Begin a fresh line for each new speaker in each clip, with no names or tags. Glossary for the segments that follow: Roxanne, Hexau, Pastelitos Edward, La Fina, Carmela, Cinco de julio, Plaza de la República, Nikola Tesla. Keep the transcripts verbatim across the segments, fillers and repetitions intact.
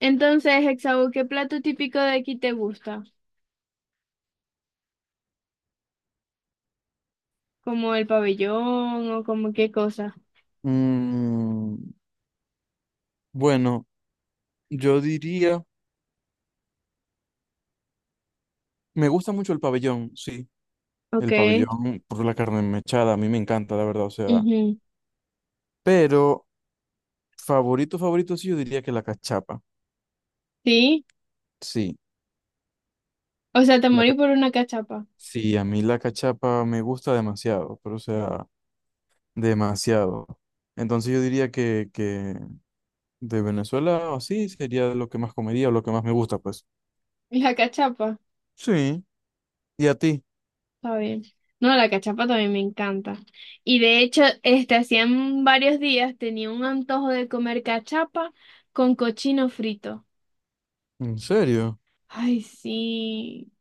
Entonces, Hexau, ¿qué plato típico de aquí te gusta? ¿Como el pabellón o como qué cosa?
Mm, bueno, yo diría, me gusta mucho el pabellón, sí,
Ok.
el pabellón por la carne mechada, a mí me encanta, la verdad, o sea,
Ujú.
pero favorito, favorito, sí, yo diría que la cachapa,
Sí.
sí,
O sea, te
la,
morí
ca-
por una cachapa.
sí, a mí la cachapa me gusta demasiado, pero o sea, demasiado. Entonces yo diría que, que de Venezuela, así sería lo que más comería o lo que más me gusta, pues.
La cachapa,
Sí, ¿y a ti?
está bien. No, la cachapa también me encanta. Y de hecho, este, hacían varios días tenía un antojo de comer cachapa con cochino frito.
¿En serio?
Ay, sí.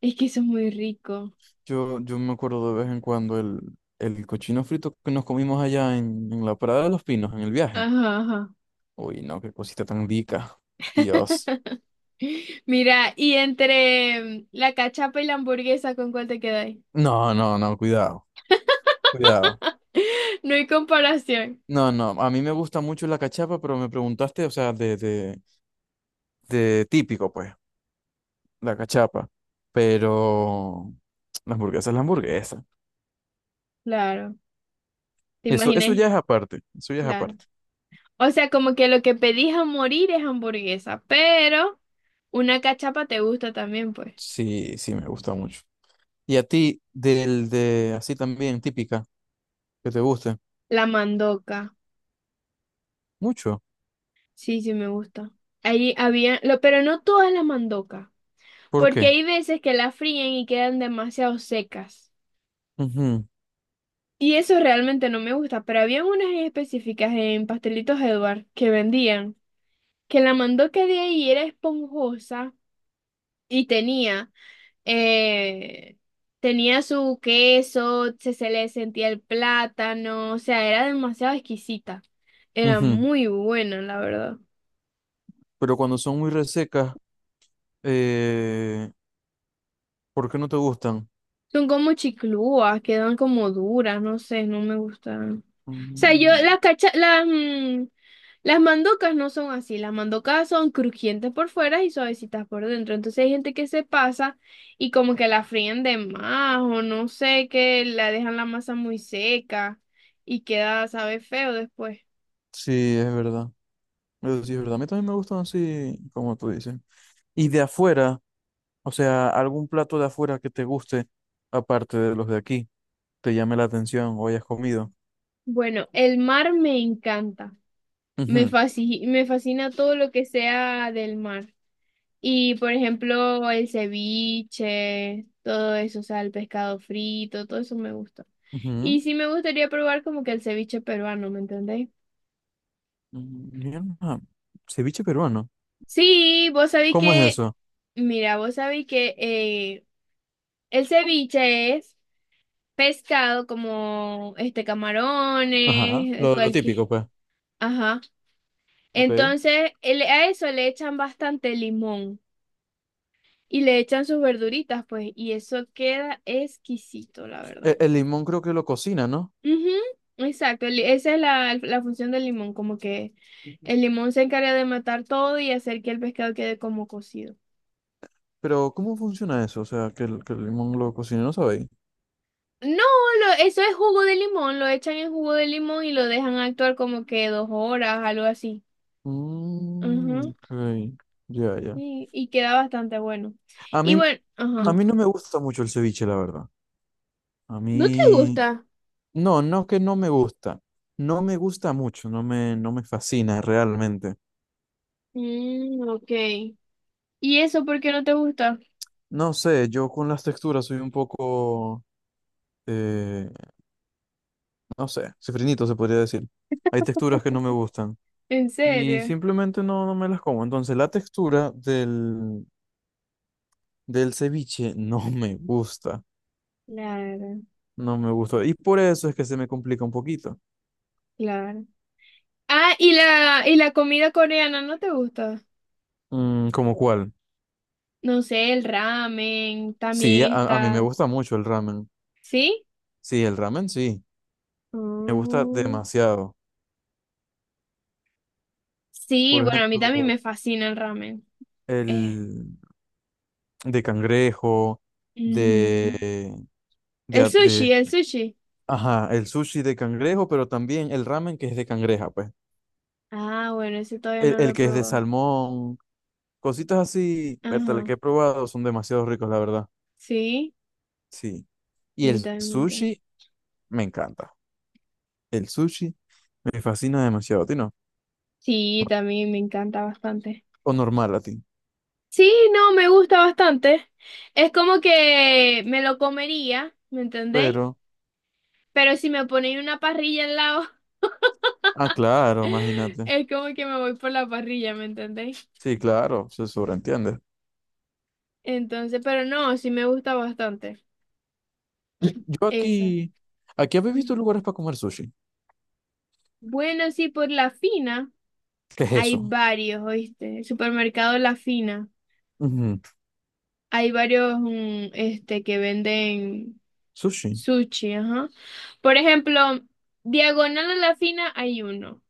Es que eso es muy rico.
Yo, yo me acuerdo de vez en cuando el, el cochino frito que nos comimos allá en, en la Parada de los Pinos, en el viaje.
Ajá, ajá.
Uy, no, qué cosita tan rica. Dios.
Mira, y entre mm, la cachapa y la hamburguesa, ¿con cuál te quedas?
No, no, no, cuidado, cuidado.
No hay comparación.
No, no, a mí me gusta mucho la cachapa, pero me preguntaste, o sea, de, de, de típico, pues, la cachapa. Pero la hamburguesa es la hamburguesa.
Claro, te
Eso, eso
imaginé,
ya es aparte, eso ya es
claro.
aparte.
O sea, como que lo que pedís a morir es hamburguesa, pero una cachapa te gusta también, pues.
Sí, sí, me gusta mucho. ¿Y a ti, del de así también, típica, que te guste?
La mandoca.
Mucho.
Sí, sí me gusta. Ahí había, lo, pero no todas las mandocas,
¿Por
porque
qué?
hay veces que la fríen y quedan demasiado secas. Y eso realmente no me gusta, pero había unas en específicas en Pastelitos Edward que vendían, que la mandoca de ahí era esponjosa y tenía, eh, tenía su queso, se, se le sentía el plátano, o sea, era demasiado exquisita. Era
Ujú, ujú.
muy buena, la verdad.
Pero cuando son muy resecas, eh, ¿por qué no te gustan?
Son como chiclúas, quedan como duras, no sé, no me gustan. O sea, yo
Mm,
las cacha, las, mm, las mandocas no son así, las mandocas son crujientes por fuera y suavecitas por dentro. Entonces hay gente que se pasa y como que la fríen de más o no sé, que la dejan la masa muy seca y queda, sabe, feo después.
sí, es verdad. Eso sí es verdad. A mí también me gustan así, como tú dices. Y de afuera, o sea, algún plato de afuera que te guste, aparte de los de aquí, te llame la atención o hayas comido.
Bueno, el mar me encanta. Me
Ujú,
fasci- me fascina todo lo que sea del mar. Y por ejemplo, el ceviche, todo eso, o sea, el pescado frito, todo eso me gusta.
ujú.
Y sí me gustaría probar como que el ceviche peruano, ¿me entendéis?
Mm, mierda. Ceviche peruano.
Sí, vos sabéis
¿Cómo es
que,
eso?
mira, vos sabéis que eh, el ceviche es pescado como este
Ajá,
camarones, eh,
lo, lo
cualquier,
típico, pues.
ajá.
Ok. E-
Entonces, el- a eso le echan bastante limón y le echan sus verduritas, pues, y eso queda exquisito, la verdad.
el, limón creo que lo cocina.
Ujú. Exacto, el- esa es la, la función del limón, como que el limón se encarga de matar todo y hacer que el pescado quede como cocido.
Pero, ¿cómo funciona eso? O sea, que el, que el limón lo cocine, ¿no sabéis?
No, lo- eso es jugo de limón, lo echan en jugo de limón y lo dejan actuar como que dos horas, algo así.
Mm,
Ujú,
ok, ya, ya.
sí. Y queda bastante bueno.
A
Y
mí,
bueno, ajá.
a mí no me gusta mucho el ceviche, la verdad. A
¿No te
mí,
gusta?
no, no que no me gusta. No me gusta mucho, no me, no me fascina realmente.
Mm, ok. ¿Y eso por qué no te gusta?
No sé, yo con las texturas soy un poco, eh, no sé, sifrinito se podría decir. Hay texturas que no me gustan
¿En
y
serio?
simplemente no, no me las como. Entonces, la textura del, del ceviche no me gusta.
Claro,
No me gustó. Y por eso es que se me complica un poquito.
claro. Ah, y la, y la comida coreana, ¿no te gusta?
Mm, ¿cómo cuál?
No sé, el ramen
Sí, a,
también
a mí me
está.
gusta mucho el ramen.
¿Sí?
Sí, el ramen sí. Me gusta
Mm.
demasiado.
Sí,
Por
bueno, a mí también
ejemplo,
me fascina el ramen. Eh,
el de cangrejo,
ujú.
de, de,
El
a- de-
sushi, el sushi.
ajá, el sushi de cangrejo, pero también el ramen que es de cangreja, pues.
Ah, bueno, ese todavía
El,
no lo
el
he
que es de
probado.
salmón, cositas así, vértale,
Ajá.
que he probado, son demasiado ricos, la verdad.
Sí,
Sí.
a
Y el
mí también me encanta.
sushi me encanta. El sushi me fascina demasiado, ¿a ti no?
Sí, también me encanta bastante.
O normal latín.
Sí, no, me gusta bastante. Es como que me lo comería, ¿me entendéis?
Pero,
Pero si me ponéis una parrilla al lado,
ah, claro, imagínate.
es como que me voy por la parrilla, ¿me entendéis?
Sí, claro, se sobreentiende.
Entonces, pero no, sí me gusta bastante
Yo
esa.
aquí, aquí habéis
Mm.
visto lugares para comer sushi.
Bueno, sí, por La Fina
¿Qué es
hay
eso?
varios, ¿oíste? El supermercado La Fina.
Ujú,
Hay varios mm, este, que venden
sushi.
sushi, ajá. Por ejemplo, diagonal a La Fina hay uno.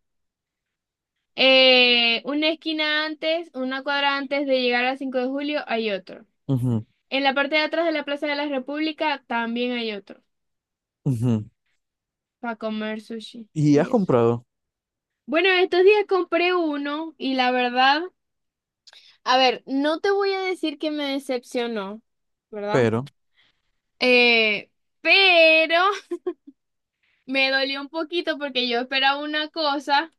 Eh, una esquina antes, una cuadra antes de llegar a Cinco de julio hay otro.
Ujú,
En la parte de atrás de la Plaza de la República también hay otro
ujú.
para comer sushi.
Y has
Y eso.
comprado,
Bueno, estos días compré uno y la verdad, a ver, no te voy a decir que me decepcionó, ¿verdad?
pero,
Eh, pero me dolió un poquito porque yo esperaba una cosa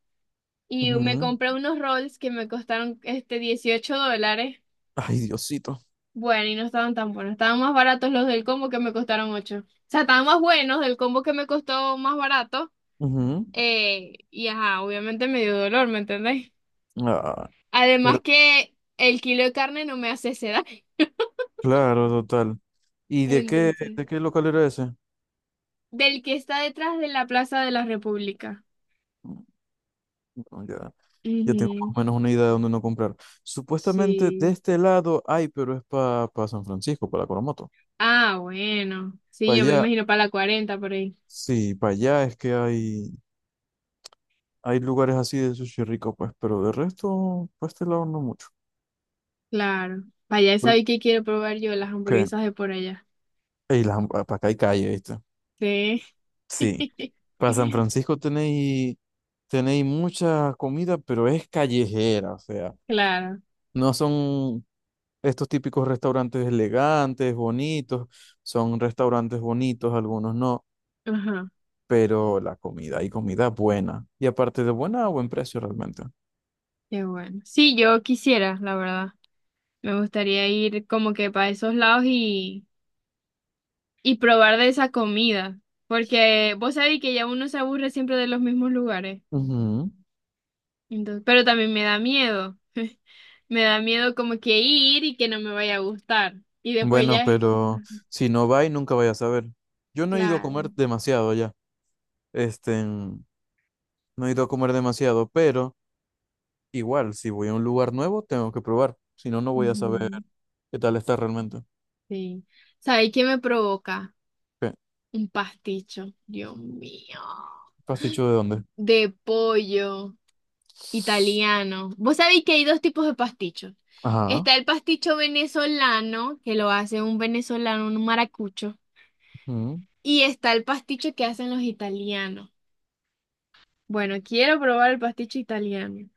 y me
ujú,
compré unos rolls que me costaron este dieciocho dólares.
ay, Diosito.
Bueno, y no estaban tan buenos, estaban más baratos los del combo que me costaron ocho. O sea, estaban más buenos del combo que me costó más barato.
Ujú.
Eh, y ajá, obviamente me dio dolor, ¿me entendéis?
Ah,
Además
pero,
que el kilo de carne no me hace sed.
claro, total. ¿Y de qué,
Entonces,
de qué local era ese?
del que está detrás de la Plaza de la República.
Mm, no, ya, ya tengo
Ujú,
más o menos una idea de dónde no comprar. Supuestamente de
sí.
este lado hay, pero es para San Francisco, para Coromoto.
Ah, bueno. Sí,
Para
yo me
allá.
imagino para la cuarenta por ahí.
Sí, para allá es que hay, hay lugares así de sushi rico, pues, pero de resto, para este lado no mucho.
Claro. Para allá
Pero,
sabéis que quiero probar yo las
¿qué?
hamburguesas de por allá.
Ey, las ham- para acá hay calle, ¿viste?
Sí.
Sí, para San Francisco tenéis, tenéis mucha comida, pero es callejera, o sea,
Claro.
no son estos típicos restaurantes elegantes, bonitos, son restaurantes bonitos, algunos no,
Ajá.
pero la comida, hay comida buena, y aparte de buena, a buen precio realmente.
Qué bueno. Sí, yo quisiera, la verdad. Me gustaría ir como que para esos lados y, y probar de esa comida. Porque vos sabéis que ya uno se aburre siempre de los mismos lugares.
Ujú.
Entonces, pero también me da miedo. Me da miedo como que ir y que no me vaya a gustar. Y después
Bueno,
ya.
pero
Ajá.
si no va y nunca vaya a saber. Yo no he ido a
Claro.
comer demasiado ya. Este, no he ido a comer demasiado, pero igual, si voy a un lugar nuevo, tengo que probar. Si no, no voy a saber
Ujú.
qué tal está realmente.
Sí. ¿Sabéis qué me provoca?
¿Qué?
Un pasticho. Dios mío.
¿Pasticho de dónde?
De pollo italiano. Vos sabéis que hay dos tipos de pastichos.
Ajá,
Está el pasticho venezolano, que lo hace un venezolano, un maracucho.
ujú,
Y está el pasticho que hacen los italianos. Bueno, quiero probar el pasticho italiano.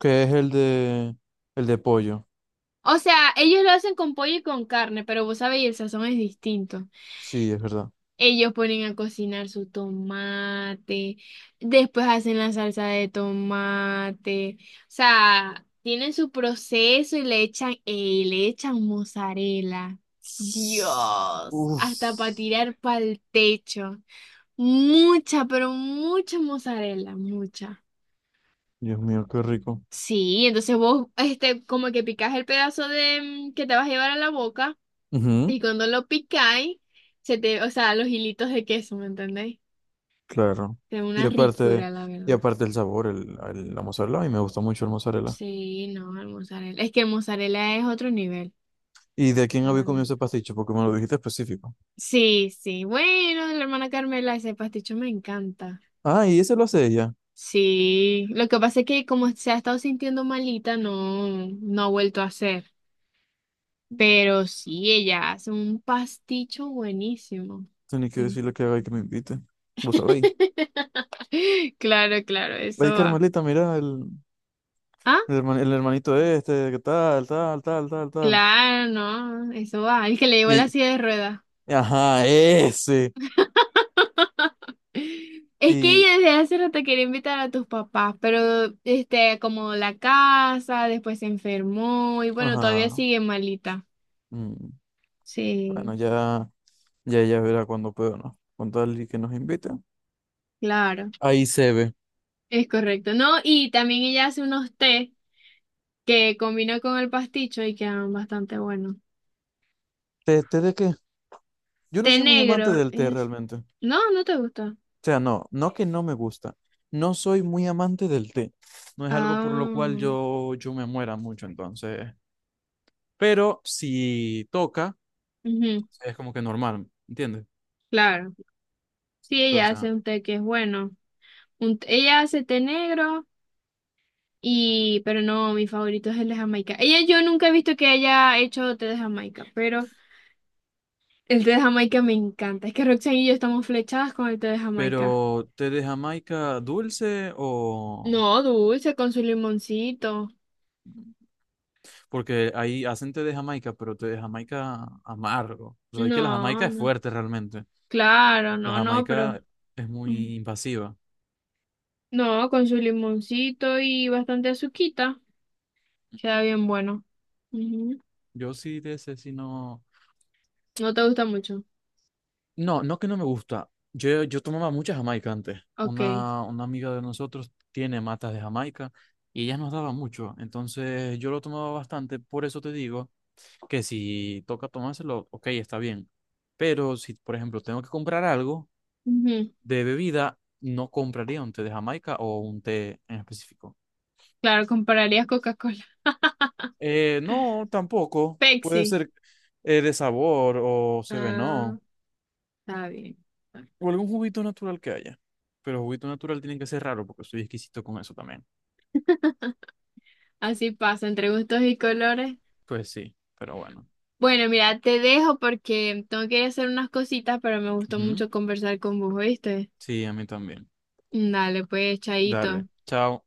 que es el de el de pollo.
O sea, ellos lo hacen con pollo y con carne, pero vos sabéis, el sazón es distinto.
Sí, es verdad.
Ellos ponen a cocinar su tomate, después hacen la salsa de tomate. O sea, tienen su proceso y le echan, ey, le echan mozzarella. Dios,
Uf,
hasta para tirar para el techo. Mucha, pero mucha mozzarella, mucha.
Dios mío, qué rico.
Sí, entonces vos, este, como que picás el pedazo de mm, que te vas a llevar a la boca.
Ujú,
Y cuando lo picáis, se te, o sea, los hilitos de queso, ¿me entendéis?
claro.
Es
Y
una
aparte,
ricura, la
y
verdad.
aparte el sabor, el, el- la mozzarella, y me gusta mucho el mozzarella.
Sí, no, el mozzarella. Es que el mozzarella es otro nivel,
¿Y de quién
la
había
verdad.
comido ese pasticho? Porque me lo dijiste específico.
Sí, sí. Bueno, de la hermana Carmela, ese pasticho me encanta.
Ah, y ese lo hace ella.
Sí, lo que pasa es que como se ha estado sintiendo malita, no, no ha vuelto a hacer. Pero sí, ella hace un pasticho buenísimo.
Tenía que
Em.
decirle que haga y que me invite. Vos sabéis.
Claro, claro, eso
Ay,
va.
Carmelita, mira el,
¿Ah?
el, herman- el hermanito este, que tal, tal, tal, tal, tal.
Claro, no, eso va. El que le llevó
Y,
la silla de ruedas.
ajá, ese.
Es que
Y,
ella desde hace rato quería invitar a tus papás, pero este, como la casa, después se enfermó y bueno, todavía
ajá,
sigue malita.
mm,
Sí,
bueno, ya, ya ella verá cuando pueda, ¿no? Con tal y que nos invite.
claro,
Ahí se ve.
es correcto. No, y también ella hace unos té que combinó con el pasticho y quedan bastante buenos.
¿Té, té de qué? Yo no
Té
soy muy
negro,
amante del té
es...
realmente.
No, no te gusta.
O sea, no, no que no me gusta. No soy muy amante del té. No es algo por lo cual
Ah,
yo, yo me muera mucho, entonces. Pero si toca,
ujú,
es como que normal, ¿entiendes?
claro. Sí, ella
Entonces, ajá,
hace un té que es bueno. Un- ella hace té negro y, pero no, mi favorito es el de Jamaica. Ella, yo nunca he visto que haya hecho té de Jamaica, pero el té de Jamaica me encanta. Es que Roxanne y yo estamos flechadas con el té de Jamaica.
pero té de Jamaica dulce o...
No, dulce, con su limoncito.
Porque ahí hacen té de Jamaica, pero té de Jamaica amargo. O sea, es que la Jamaica
No,
es
no.
fuerte realmente.
Claro,
La
no, no, pero
Jamaica es
mm,
muy invasiva.
no, con su limoncito y bastante azuquita. Queda bien bueno. Ujú.
Yo sí de ese, sí no,
¿No te gusta mucho?
no, no que no me gusta. Yo, yo tomaba mucha Jamaica antes.
Ok.
Una, una amiga de nosotros tiene matas de Jamaica y ella nos daba mucho. Entonces yo lo tomaba bastante. Por eso te digo que si toca tomárselo, ok, está bien. Pero si, por ejemplo, tengo que comprar algo
Ujú.
de bebida, no compraría un té de Jamaica o un té en específico.
Claro, compararías Coca-Cola.
Eh, no, tampoco. Puede
Pepsi.
ser eh, de sabor o se ve,
Ah,
no.
está bien.
O algún juguito natural que haya. Pero juguito natural tiene que ser raro porque soy exquisito con eso también.
Así pasa, entre gustos y colores.
Pues sí, pero bueno.
Bueno, mira, te dejo porque tengo que ir a hacer unas cositas, pero me gustó
Ujú.
mucho conversar con vos, ¿oíste?
Sí, a mí también.
Dale, pues,
Dale,
chaito.
chao.